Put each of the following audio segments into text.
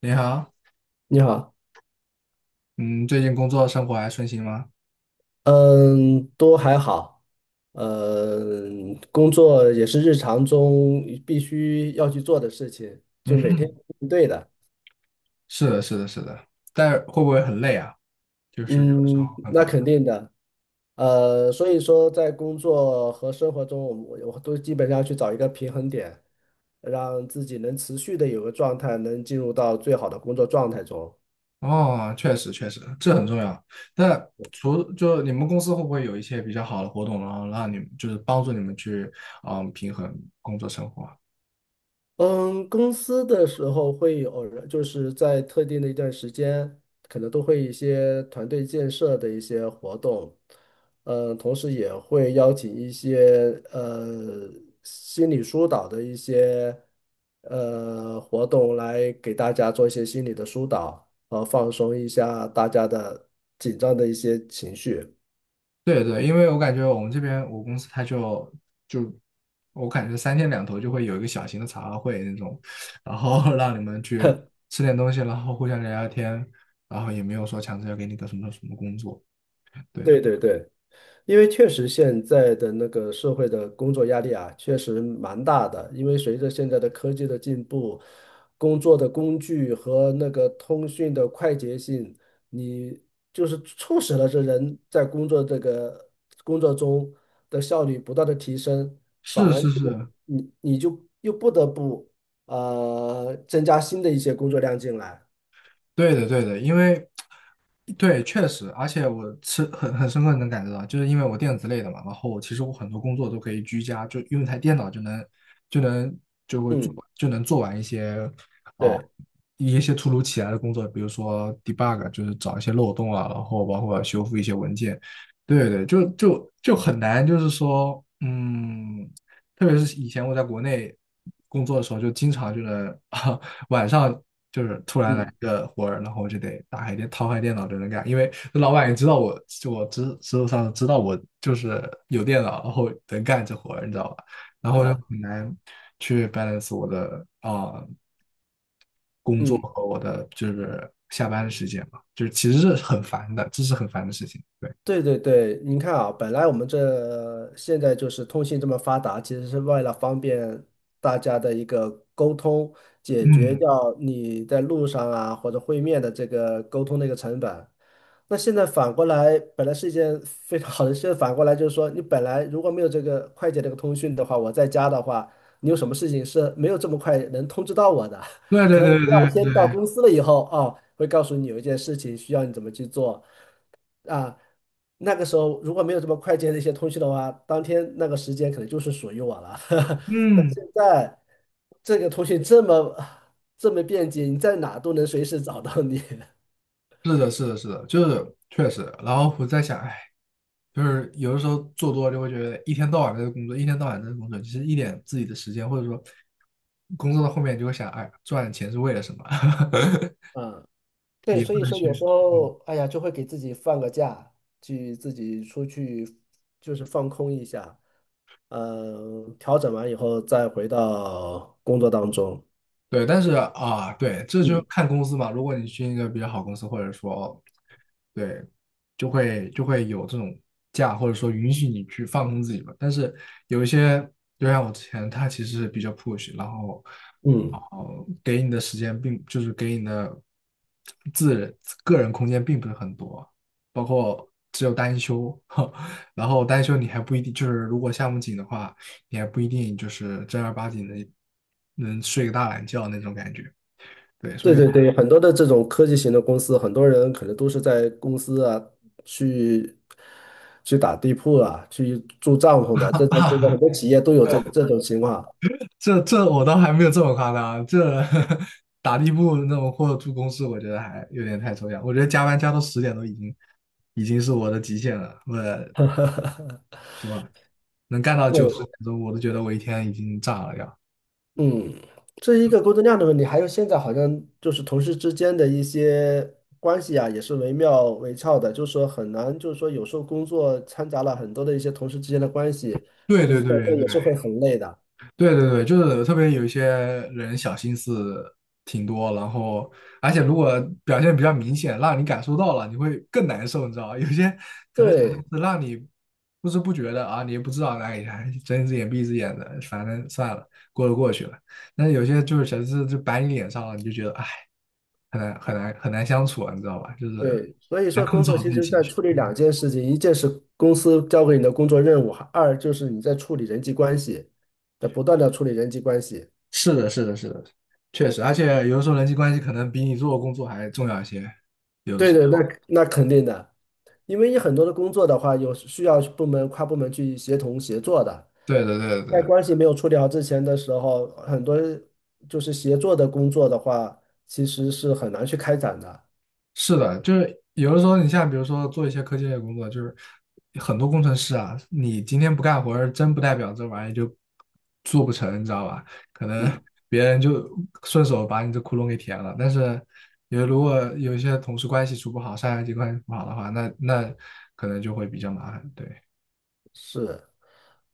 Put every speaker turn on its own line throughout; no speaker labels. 你好，
你好。
嗯，最近工作生活还顺心吗？
嗯，都还好。工作也是日常中必须要去做的事情，
嗯
就每天
哼，
应对的。
是的，是的，是的，但会不会很累啊？就是有的时候
嗯，
很
那
烦。
肯定的。所以说在工作和生活中，我都基本上去找一个平衡点，让自己能持续的有个状态，能进入到最好的工作状态中。
哦，确实确实，这很重要。那除就你们公司会不会有一些比较好的活动，然后让你们就是帮助你们去平衡工作生活啊？
嗯，公司的时候会有人，就是在特定的一段时间，可能都会一些团队建设的一些活动。嗯，同时也会邀请一些心理疏导的一些活动来给大家做一些心理的疏导，放松一下大家的紧张的一些情绪。
对对，因为我感觉我们这边我公司他就我感觉三天两头就会有一个小型的茶话会那种，然后 让你们去吃点东西，然后互相聊聊天，然后也没有说强制要给你个什么什么工作。对的，
对对对。因为确实现在的那个社会的工作压力啊，确实蛮大的。因为随着现在的科技的进步，工作的工具和那个通讯的快捷性，你就是促使了这人在工作这个工作中的效率不断的提升，反
是
而
是是，
就你就又不得不增加新的一些工作量进来。
对的，对的，因为对，确实，而且我是很深刻地能感觉到，就是因为我电子类的嘛，然后其实我很多工作都可以居家，就用一台电脑就能
嗯，
就能做完一些哦
对，
一些突如其来的工作，比如说 debug，就是找一些漏洞啊，然后包括修复一些文件，对对，就就就很难，就是说，特别是以前我在国内工作的时候，就经常就能 晚上就是突然来
嗯
个活儿，然后我就得打开电掏开电脑就能干，因为老板也知道我，就我知知道上知道我就是有电脑，然后能干这活儿，你知道吧？然后又
啊，
很难去 balance 我的工作
嗯。
和我的就是下班的时间嘛，就是其实是很烦的，这是很烦的事情。对，
对对对，您看啊，本来我们这现在就是通信这么发达，其实是为了方便大家的一个沟通，解决
嗯，
掉你在路上啊或者会面的这个沟通的一个成本。那现在反过来，本来是一件非常好的事，现在反过来就是说，你本来如果没有这个快捷这个通讯的话，我在家的话，你有什么事情是没有这么快能通知到我的，
对 对
可能我
对
第
对
二天到
对，
公司了以后，啊，会告诉你有一件事情需要你怎么去做。啊，那个时候如果没有这么快捷的一些通讯的话，当天那个时间可能就是属于我了。但
嗯。
现在这个通讯这么便捷，你在哪都能随时找到你。
是的，是的，是的，就是确实。然后我在想，哎，就是有的时候做多了就会觉得一天到晚在这工作，一天到晚在这工作，其实一点自己的时间，或者说工作到后面就会想，哎，赚钱是为了什么？
嗯，对，
也
所
不
以
能
说
去，
有时
嗯
候，哎呀，就会给自己放个假，去自己出去，就是放空一下。嗯，调整完以后再回到工作当中。
对，但是啊，对，这就
嗯
看公司嘛。如果你去一个比较好公司，或者说，对，就会有这种假，或者说允许你去放空自己嘛。但是有一些，就像我之前，他其实是比较 push，然后，然
嗯。
后给你的时间并就是给你的自人个人空间并不是很多，包括只有单休，然后单休你还不一定，就是如果项目紧的话。你还不一定就是正儿八经的能睡个大懒觉那种感觉。对，所
对
以
对 对，很多的这种科技型的公司，很多人可能都是在公司啊去去打地铺啊，去住帐篷的，这种很
啊，
多企业都有这种情况。
这这我倒还没有这么夸张，这呵呵 打地铺那种或者住公司，我觉得还有点太抽象。我觉得加班加到十点都已经是我的极限了，我能干到九十点
对。
钟，我都觉得我一天已经炸了要。
嗯，这是一个工作量的问题，还有现在好像就是同事之间的一些关系啊，也是惟妙惟肖的，就是说很难，就是说有时候工作掺杂了很多的一些同事之间的关系，
对
其
对
实
对
这
对
也是会很累的。
对对对，就是特别有一些人小心思挺多，然后而且如果表现比较明显，让你感受到了，你会更难受，你知道吧？有些可能小心
对，
思让你不知不觉的啊，你也不知道，哎呀，睁一只眼闭一只眼的，反正算了，过了过去了。但是有些就是小心思就摆你脸上了，你就觉得哎，很难很难很难相处啊你知道吧？就是
对，所以
难
说
控
工
制
作
好自
其
己的
实
情
在
绪。
处理两件事情，一件是公司交给你的工作任务，二就是你在处理人际关系，在不断的处理人际关系。
是的，是的，是的，确实，而且有的时候人际关系可能比你做的工作还重要一些。有的
对
时
对，
候，
那肯定的，因为你很多的工作的话，有需要部门跨部门去协同协作的，
对对对的对
在
的
关系没有处理好之前的时候，很多就是协作的工作的话，其实是很难去开展的。
是的，就是有的时候，你像比如说做一些科技类的工作，就是很多工程师啊，你今天不干活儿，真不代表这玩意就做不成，你知道吧？可能
嗯，
别人就顺手把你这窟窿给填了。但是，如果有一些同事关系处不好，上下级关系不好的话，那可能就会比较麻烦。对，
是。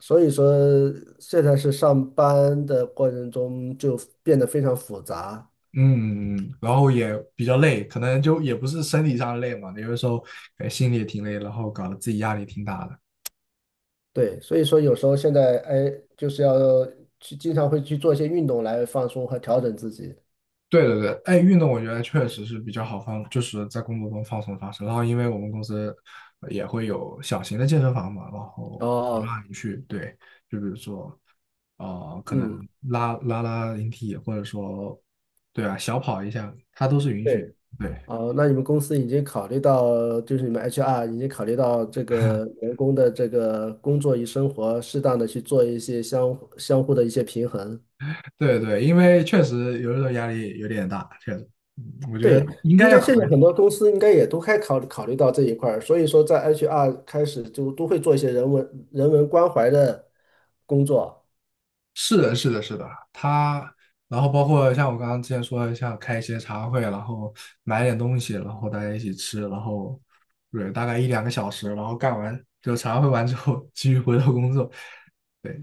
所以说现在是上班的过程中就变得非常复杂。
嗯，然后也比较累，可能就也不是身体上累嘛，有的时候哎心里也挺累，然后搞得自己压力挺大的。
对，所以说有时候现在哎，就是要去经常会去做一些运动来放松和调整自己。
对对对，哎，运动我觉得确实是比较好放，就是在工作中放松放松。然后因为我们公司也会有小型的健身房嘛，然后
哦，
你去，对，就比如说可能
嗯，
拉引体，或者说对啊，小跑一下，它都是允许的。
对。
对，
哦，那你们公司已经考虑到，就是你们 HR 已经考虑到这个 员工的这个工作与生活，适当的去做一些相互的一些平衡。
对对，因为确实有的时候压力有点大，确实，嗯我觉得
对，
应该
应
要
该
考
现
虑。
在很多公司应该也都考虑到这一块儿，所以说在 HR 开始就都会做一些人文关怀的工作。
是的，是的，是的，他，然后包括像我刚刚之前说的，像开一些茶会，然后买点东西，然后大家一起吃，然后对，大概一两个小时，然后干完就茶会完之后，继续回到工作。对，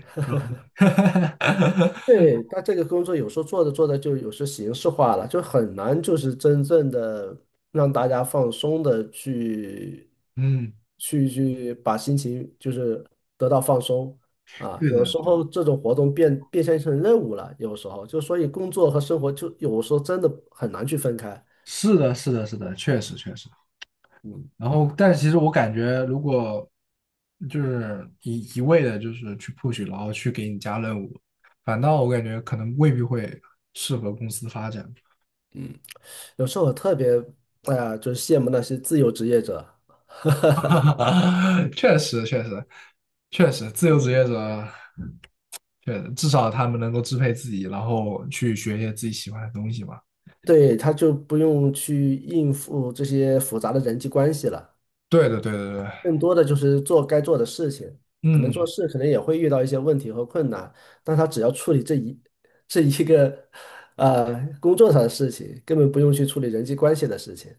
对，但这个工作有时候做着做着就有时形式化了，就很难就是真正的让大家放松的去
嗯，
去去把心情就是得到放松啊。
对
有
的，
时候这种活动变现成任务了，有时候就所以工作和生活就有时候真的很难去分开。
是的，是的，是的，确实，确实。
嗯，
然后，但其实我感觉，如果就是一味的，就是去 push，然后去给你加任务，反倒我感觉可能未必会适合公司发展。
有时候我特别，哎呀，就是羡慕那些自由职业者。
确实，确实，确实，自由职业者，确实，至少他们能够支配自己，然后去学一些自己喜欢的东西嘛。
对，他就不用去应付这些复杂的人际关系了，
对的，对的，对的
更多的就是做该做的事情。可能做
嗯，
事可能也会遇到一些问题和困难，但他只要处理这一个工作上的事情，根本不用去处理人际关系的事情。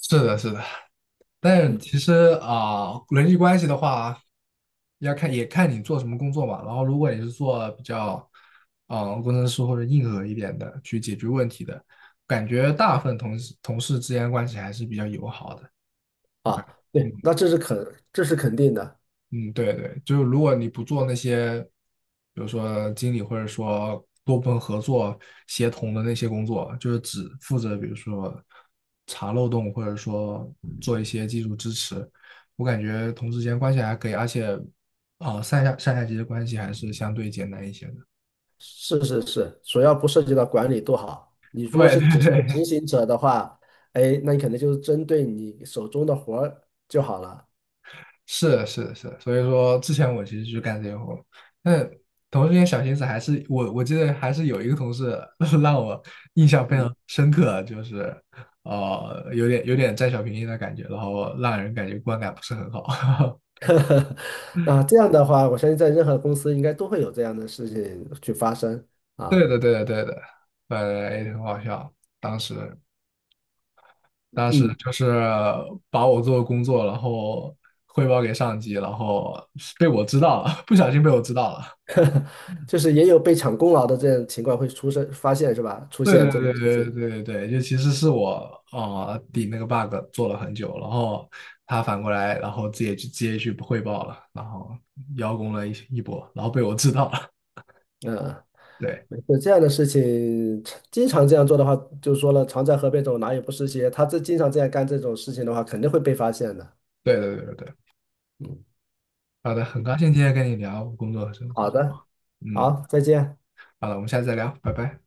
是的，是的。但是
嗯，
其实人际关系的话，也看你做什么工作嘛。然后，如果你是做比较，工程师或者硬核一点的，去解决问题的，感觉大部分同事之间关系还是比较友好的。我感
啊。
觉，
对，那这是肯定的。
嗯，对对，就是如果你不做那些，比如说经理或者说多部门合作协同的那些工作，就是只负责比如说查漏洞，或者说做一些技术支持，我感觉同事间关系还可以，而且上下级的关系还是相对简单一些的。
是是是，主要不涉及到管理多好。你 如果
对
是
对
只是一个执
对，
行者的话，哎，那你肯定就是针对你手中的活儿就好了。
是是是，所以说之前我其实就干这些活，但同时间小心思还是我记得还是有一个同事 让我印象非
嗯。
常深刻，就是有点占小便宜的感觉，然后让人感觉观感不是很好。
啊，这样的话，我相信在任何公司应该都会有这样的事情去发生
对
啊。
的对的对的，呃也很好笑。当时当时
嗯。
就是把我做的工作，然后汇报给上级，然后被我知道了，不小心被我知道了。
就是也有被抢功劳的这样情况会发现是吧？出
对
现
对
这种事
对对
情。
对对对，就其实是我顶那个 bug 做了很久，然后他反过来，然后直接去汇报了，然后邀功了一波，然后被我知道了。
嗯。
对
没事这样的事情，经常这样做的话，就说了，常在河边走，哪有不湿鞋？他这经常这样干这种事情的话，肯定会被发现的。
对对对对对，好的，很高兴今天跟你聊工作和生
好
活。
的。
嗯，
好，再见。
好了，我们下次再聊，拜拜。